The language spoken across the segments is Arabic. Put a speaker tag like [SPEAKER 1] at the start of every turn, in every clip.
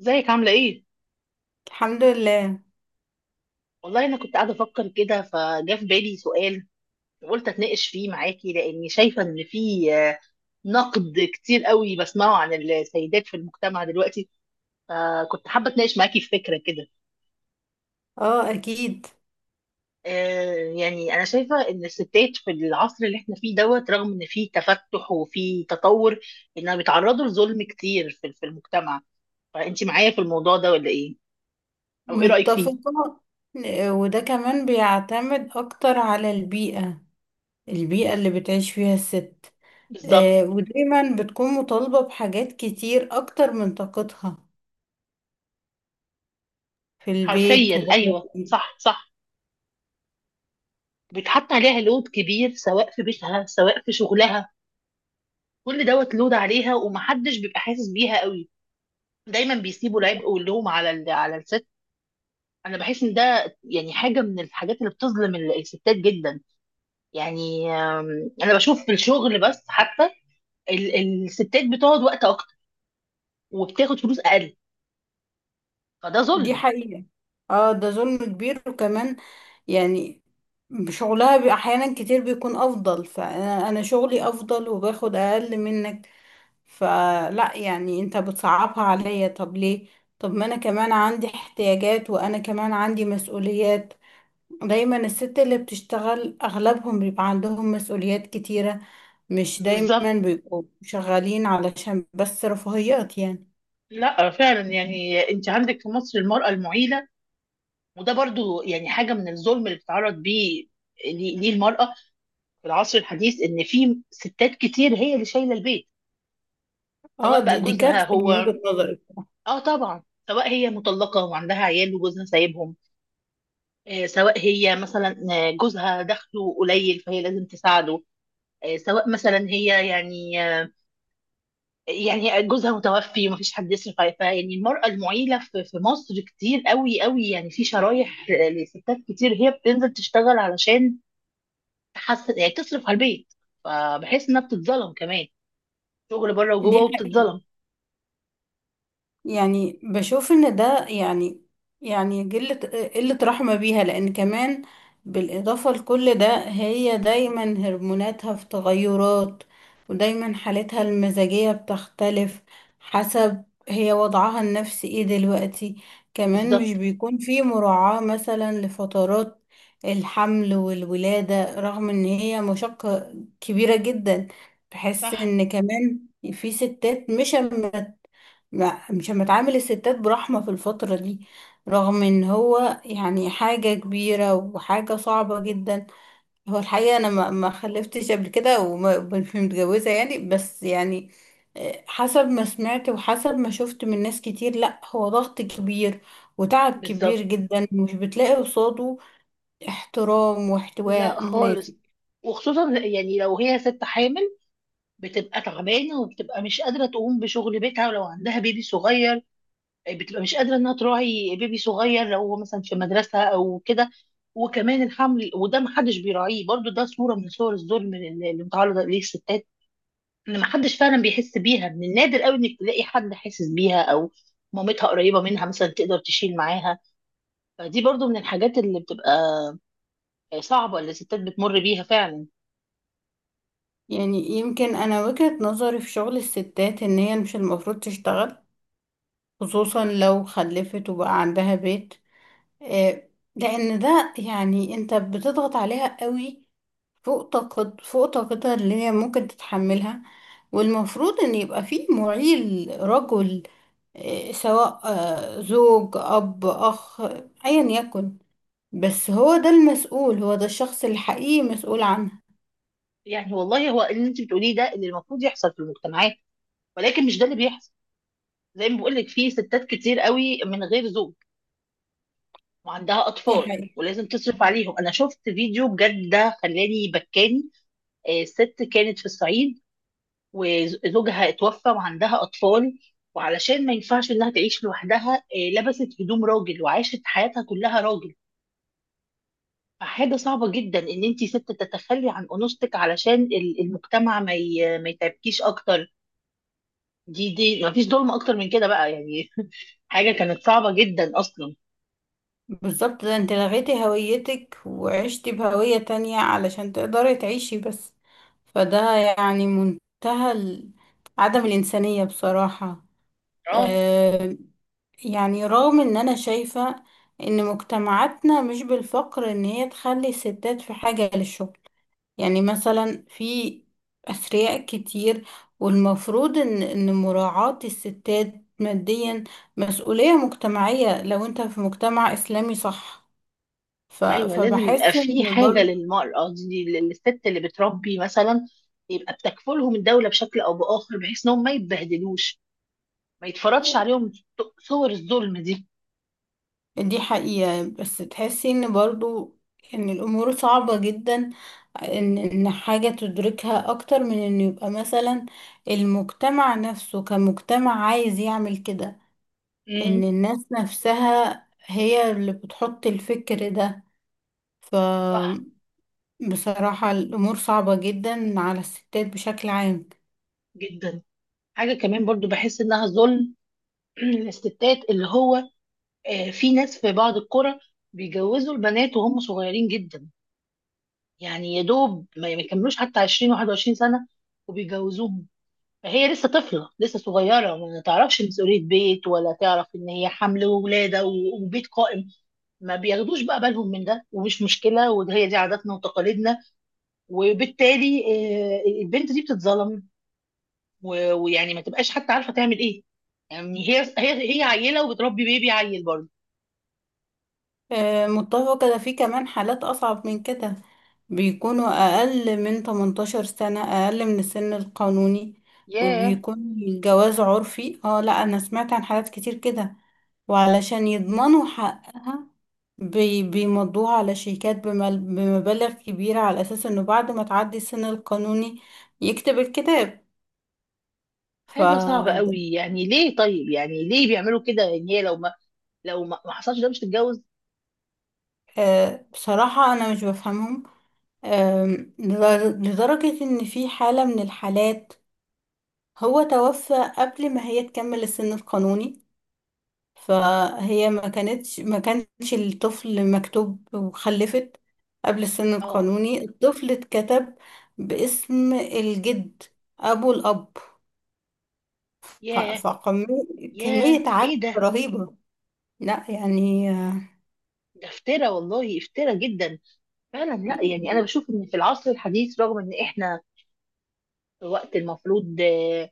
[SPEAKER 1] ازيك؟ عاملة ايه؟
[SPEAKER 2] الحمد لله.
[SPEAKER 1] والله انا كنت قاعدة افكر كده، فجاء في بالي سؤال وقلت اتناقش فيه معاكي، لاني شايفة ان في نقد كتير قوي بسمعه عن السيدات في المجتمع دلوقتي. فكنت حابة اتناقش معاكي في فكرة كده.
[SPEAKER 2] اه، اكيد.
[SPEAKER 1] يعني انا شايفة ان الستات في العصر اللي احنا فيه دوت، رغم ان في تفتح وفي تطور، انها بيتعرضوا لظلم كتير في المجتمع. فانت معايا في الموضوع ده ولا ايه؟ او ايه رأيك فيه؟
[SPEAKER 2] متفقة. وده كمان بيعتمد اكتر على البيئة اللي بتعيش فيها الست.
[SPEAKER 1] بالظبط.
[SPEAKER 2] ودايما بتكون مطالبة بحاجات كتير اكتر من طاقتها، في البيت
[SPEAKER 1] حرفيا
[SPEAKER 2] وبره
[SPEAKER 1] ايوه،
[SPEAKER 2] البيت.
[SPEAKER 1] صح صح. بيتحط عليها لود كبير، سواء في بيتها سواء في شغلها. كل دوت لود عليها ومحدش بيبقى حاسس بيها قوي. دايما بيسيبوا العبء واللوم على على الست. انا بحس ان ده يعني حاجه من الحاجات اللي بتظلم الستات جدا. يعني انا بشوف في الشغل بس حتى ال- الستات بتقعد وقت اكتر وبتاخد فلوس اقل، فده
[SPEAKER 2] دي
[SPEAKER 1] ظلم.
[SPEAKER 2] حقيقة. اه، ده ظلم كبير وكمان. يعني شغلها احيانا كتير بيكون افضل، فانا شغلي افضل وباخد اقل منك، فلا يعني انت بتصعبها عليا. طب ليه؟ طب ما انا كمان عندي احتياجات، وانا كمان عندي مسؤوليات. دايما الست اللي بتشتغل اغلبهم بيبقى عندهم مسؤوليات كتيرة، مش دايما
[SPEAKER 1] بالظبط.
[SPEAKER 2] بيبقوا شغالين علشان بس رفاهيات يعني.
[SPEAKER 1] لا فعلا، يعني انت عندك في مصر المراه المعيله، وده برضو يعني حاجه من الظلم اللي بتتعرض بيه. ليه؟ ليه المرأة في العصر الحديث ان في ستات كتير هي اللي شايله البيت؟
[SPEAKER 2] اه،
[SPEAKER 1] سواء
[SPEAKER 2] دي
[SPEAKER 1] بقى
[SPEAKER 2] دي
[SPEAKER 1] جوزها
[SPEAKER 2] كارثة
[SPEAKER 1] هو،
[SPEAKER 2] من وجهة نظري.
[SPEAKER 1] اه طبعا، سواء هي مطلقه وعندها عيال وجوزها سايبهم، سواء هي مثلا جوزها دخله قليل فهي لازم تساعده، سواء مثلا هي يعني يعني جوزها متوفي ومفيش حد يصرف عليها. فيعني المرأة المعيلة في مصر كتير قوي قوي، يعني في شرايح لستات كتير هي بتنزل تشتغل علشان تحسن، يعني تصرف على البيت. فبحس انها بتتظلم كمان، شغل بره
[SPEAKER 2] دي
[SPEAKER 1] وجوه،
[SPEAKER 2] حقيقة.
[SPEAKER 1] وبتتظلم.
[SPEAKER 2] يعني بشوف ان ده يعني قلة رحمة بيها، لان كمان بالاضافة لكل ده، هي دايما هرموناتها في تغيرات، ودايما حالتها المزاجية بتختلف حسب هي وضعها النفسي ايه دلوقتي. كمان مش
[SPEAKER 1] بالظبط.
[SPEAKER 2] بيكون في مراعاة مثلا لفترات الحمل والولادة، رغم ان هي مشقة كبيرة جدا. بحس
[SPEAKER 1] صح.
[SPEAKER 2] ان كمان في ستات مش متعامل الستات برحمة في الفترة دي، رغم ان هو يعني حاجة كبيرة وحاجة صعبة جدا. هو الحقيقة انا ما خلفتش قبل كده، ومش متجوزة يعني، بس يعني حسب ما سمعت وحسب ما شفت من ناس كتير، لا هو ضغط كبير وتعب كبير
[SPEAKER 1] بالظبط.
[SPEAKER 2] جدا، مش بتلاقي قصاده احترام
[SPEAKER 1] لا
[SPEAKER 2] واحتواء
[SPEAKER 1] خالص.
[SPEAKER 2] مناسب.
[SPEAKER 1] وخصوصا يعني لو هي ست حامل، بتبقى تعبانه وبتبقى مش قادره تقوم بشغل بيتها، ولو عندها بيبي صغير بتبقى مش قادره انها تراعي بيبي صغير، لو هو مثلا في مدرسه او كده. وكمان الحمل وده محدش بيراعيه، برضو ده صوره من صور الظلم اللي متعرضه ليه الستات. ان محدش فعلا بيحس بيها، من النادر قوي انك تلاقي حد حاسس بيها، او مامتها قريبه منها مثلا تقدر تشيل معاها. فدي برضو من الحاجات اللي بتبقى صعبه اللي الستات بتمر بيها فعلا.
[SPEAKER 2] يعني يمكن انا وجهة نظري في شغل الستات ان هي مش المفروض تشتغل، خصوصا لو خلفت وبقى عندها بيت. آه، لان ده يعني انت بتضغط عليها قوي، فوق طاقتها اللي هي ممكن تتحملها. والمفروض ان يبقى في معيل رجل، سواء زوج، اب، اخ، ايا يكن. بس هو ده المسؤول، هو ده الشخص الحقيقي مسؤول عنها.
[SPEAKER 1] يعني والله هو اللي انت بتقوليه ده اللي المفروض يحصل في المجتمعات، ولكن مش ده اللي بيحصل. زي ما بقول لك، في ستات كتير قوي من غير زوج وعندها
[SPEAKER 2] دي
[SPEAKER 1] اطفال
[SPEAKER 2] حقيقة.
[SPEAKER 1] ولازم تصرف عليهم. انا شفت فيديو بجد ده خلاني بكاني. ست كانت في الصعيد وزوجها اتوفى وعندها اطفال، وعلشان ما ينفعش انها تعيش لوحدها لبست هدوم راجل وعاشت حياتها كلها راجل. حاجة صعبة جدا ان انت ست تتخلي عن انوثتك علشان المجتمع ما يتعبكيش اكتر. دي ما فيش ظلم اكتر من كده بقى يعني. حاجة كانت صعبة جدا اصلا.
[SPEAKER 2] بالظبط، ده انت لغيتي هويتك وعشتي بهوية تانية علشان تقدري تعيشي بس. فده يعني منتهى عدم الإنسانية بصراحة.
[SPEAKER 1] اه.
[SPEAKER 2] آه، يعني رغم ان انا شايفة ان مجتمعاتنا مش بالفقر ان هي تخلي الستات في حاجة للشغل، يعني مثلا في أثرياء كتير، والمفروض ان مراعاة الستات ماديا مسؤولية مجتمعية، لو انت في مجتمع إسلامي، صح.
[SPEAKER 1] ايوه لازم يبقى
[SPEAKER 2] فبحس
[SPEAKER 1] في
[SPEAKER 2] ان
[SPEAKER 1] حاجة
[SPEAKER 2] برضو
[SPEAKER 1] للمرأة دي، للست اللي بتربي مثلا يبقى بتكفلهم الدولة بشكل او باخر، بحيث انهم ما يتبهدلوش، ما يتفرضش عليهم صور الظلم دي.
[SPEAKER 2] دي حقيقة. بس تحسي ان برضو ان الامور صعبة جدا، ان حاجة تدركها اكتر من ان يبقى مثلا المجتمع نفسه كمجتمع عايز يعمل كده،
[SPEAKER 1] امم.
[SPEAKER 2] ان الناس نفسها هي اللي بتحط الفكر ده. ف
[SPEAKER 1] صح.
[SPEAKER 2] بصراحة الامور صعبة جدا على الستات بشكل عام.
[SPEAKER 1] جدا. حاجة كمان برضو بحس انها ظلم للستات، اللي هو في ناس في بعض القرى بيجوزوا البنات وهم صغيرين جدا، يعني يا دوب ما يكملوش حتى 20 21 سنة وبيجوزوهم. فهي لسه طفلة لسه صغيرة، ما تعرفش مسؤولية بيت، ولا تعرف ان هي حمل وولادة وبيت قائم. ما بياخدوش بقى بالهم من ده، ومش مشكلة، وهي دي عاداتنا وتقاليدنا. وبالتالي البنت دي بتتظلم ويعني ما تبقاش حتى عارفة تعمل ايه. يعني هي عيلة وبتربي بيبي عيل برضه.
[SPEAKER 2] متفقة. ده في كمان حالات أصعب من كده، بيكونوا أقل من 18 سنة، أقل من السن القانوني،
[SPEAKER 1] ياه.
[SPEAKER 2] وبيكون الجواز عرفي. اه، لا أنا سمعت عن حالات كتير كده. وعلشان يضمنوا حقها، بيمضوها على شيكات بمبالغ كبيرة، على أساس إنه بعد ما تعدي السن القانوني يكتب الكتاب. ف
[SPEAKER 1] حاجة صعبة قوي، يعني ليه؟ طيب يعني ليه بيعملوا كده؟ يعني هي لو ما حصلش ده مش تتجوز.
[SPEAKER 2] آه، بصراحة أنا مش بفهمهم. لدرجة إن في حالة من الحالات هو توفى قبل ما هي تكمل السن القانوني، فهي ما كانش الطفل مكتوب، وخلفت قبل السن
[SPEAKER 1] اه.
[SPEAKER 2] القانوني، الطفل اتكتب باسم الجد، ابو الاب.
[SPEAKER 1] ياه.
[SPEAKER 2] فكمية
[SPEAKER 1] ياه
[SPEAKER 2] كمية عك
[SPEAKER 1] ايه ده؟
[SPEAKER 2] رهيبة، لا يعني.
[SPEAKER 1] ده افترا والله، افترا جدا. فعلا، لا يعني انا بشوف ان في العصر الحديث، رغم ان احنا في وقت المفروض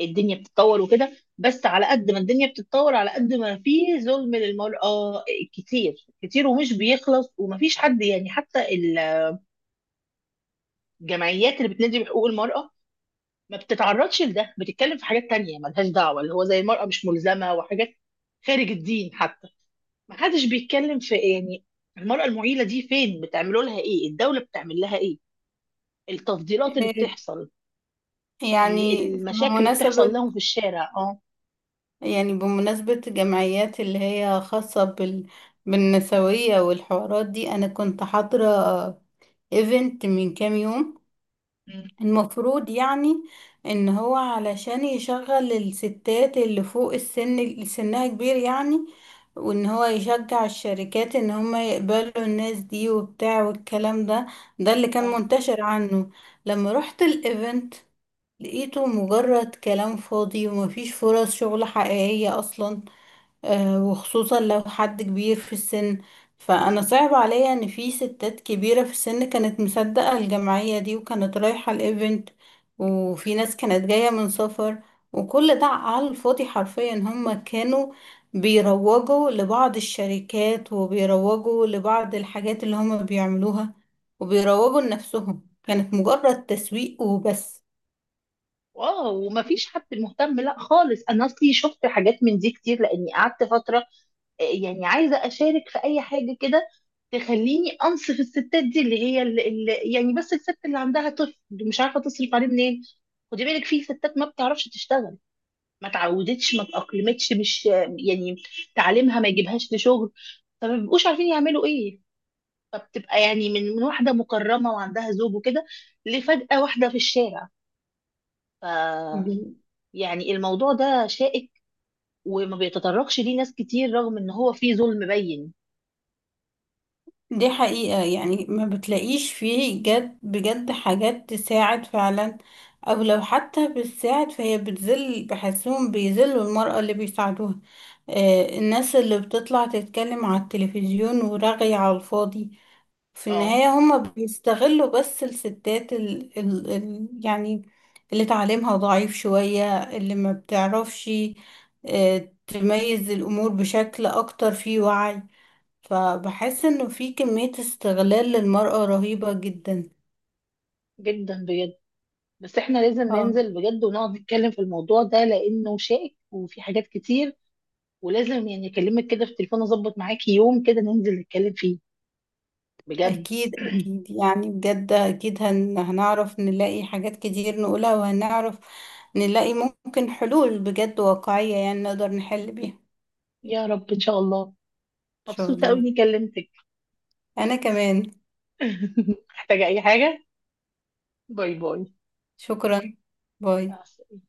[SPEAKER 1] الدنيا بتتطور وكده، بس على قد ما الدنيا بتتطور، على قد ما في ظلم للمرأة آه، كتير كتير ومش بيخلص. ومفيش حد يعني، حتى الجمعيات اللي بتنادي بحقوق المرأة ما بتتعرضش لده، بتتكلم في حاجات تانية ملهاش دعوة، اللي هو زي المرأة مش ملزمة وحاجات خارج الدين حتى. ما حدش بيتكلم في يعني المرأة المعيلة دي فين؟ بتعملوا لها ايه؟ الدولة بتعمل لها ايه؟ التفضيلات اللي بتحصل،
[SPEAKER 2] يعني
[SPEAKER 1] المشاكل اللي بتحصل
[SPEAKER 2] بمناسبة
[SPEAKER 1] لهم في الشارع. اه.
[SPEAKER 2] يعني بمناسبة جمعيات اللي هي خاصة بالنسوية والحوارات دي، أنا كنت حاضرة ايفنت من كام يوم.
[SPEAKER 1] مم.
[SPEAKER 2] المفروض يعني ان هو علشان يشغل الستات اللي فوق السن، اللي سنها كبير يعني، وان هو يشجع الشركات ان هم يقبلوا الناس دي وبتاع والكلام ده اللي كان
[SPEAKER 1] اه.
[SPEAKER 2] منتشر عنه. لما رحت الايفنت لقيته مجرد كلام فاضي ومفيش فرص شغل حقيقية اصلا. وخصوصا لو حد كبير في السن، فأنا صعب عليا إن في ستات كبيرة في السن كانت مصدقة الجمعية دي وكانت رايحة الإيفنت، وفي ناس كانت جاية من سفر، وكل ده على الفاضي حرفيا. هما كانوا بيروجوا لبعض الشركات، وبيروجوا لبعض الحاجات اللي هما بيعملوها، وبيروجوا لنفسهم. كانت مجرد تسويق وبس.
[SPEAKER 1] واو، ومفيش حد مهتم. لا خالص، انا اصلي شفت حاجات من دي كتير، لاني قعدت فترة يعني عايزه اشارك في اي حاجه كده تخليني انصف الستات دي، اللي هي اللي يعني، بس الست اللي عندها طفل مش عارفه تصرف عليه منين. خدي بالك، في ستات ما بتعرفش تشتغل، ما تعودتش، ما تأقلمتش، مش يعني تعليمها ما يجيبهاش لشغل، فما بيبقوش عارفين يعملوا ايه. فبتبقى يعني من واحده مكرمه وعندها زوج وكده، لفجأة واحده في الشارع. ف، يعني الموضوع ده شائك وما بيتطرقش ليه ناس كتير، رغم ان هو فيه ظلم بين.
[SPEAKER 2] دي حقيقة. يعني ما بتلاقيش فيه جد بجد حاجات تساعد فعلا، او لو حتى بتساعد فهي بتذل، بحسهم بيذلوا المرأة اللي بيساعدوها. الناس اللي بتطلع تتكلم على التلفزيون ورغي على الفاضي، في
[SPEAKER 1] اه.
[SPEAKER 2] النهاية هما بيستغلوا بس الستات ال ال ال يعني اللي تعليمها ضعيف شوية، اللي ما بتعرفش تميز الأمور بشكل أكتر، فيه وعي. فبحس انه في كمية استغلال للمرأة رهيبة جدا.
[SPEAKER 1] جدا بجد. بس احنا لازم
[SPEAKER 2] اه،
[SPEAKER 1] ننزل بجد ونقعد نتكلم في الموضوع ده، لانه شائك وفي حاجات كتير، ولازم يعني اكلمك كده في التليفون اظبط معاكي يوم كده ننزل نتكلم فيه بجد.
[SPEAKER 2] اكيد اكيد، يعني بجد اكيد هنعرف نلاقي حاجات كتير نقولها، وهنعرف نلاقي ممكن حلول بجد واقعية يعني نقدر نحل بيها.
[SPEAKER 1] يا رب ان شاء الله.
[SPEAKER 2] ان شاء
[SPEAKER 1] مبسوطة قوي
[SPEAKER 2] الله.
[SPEAKER 1] اني كلمتك.
[SPEAKER 2] انا كمان.
[SPEAKER 1] محتاجة اي حاجة، باي باي.
[SPEAKER 2] شكرا. باي.
[SPEAKER 1] مع السلامة.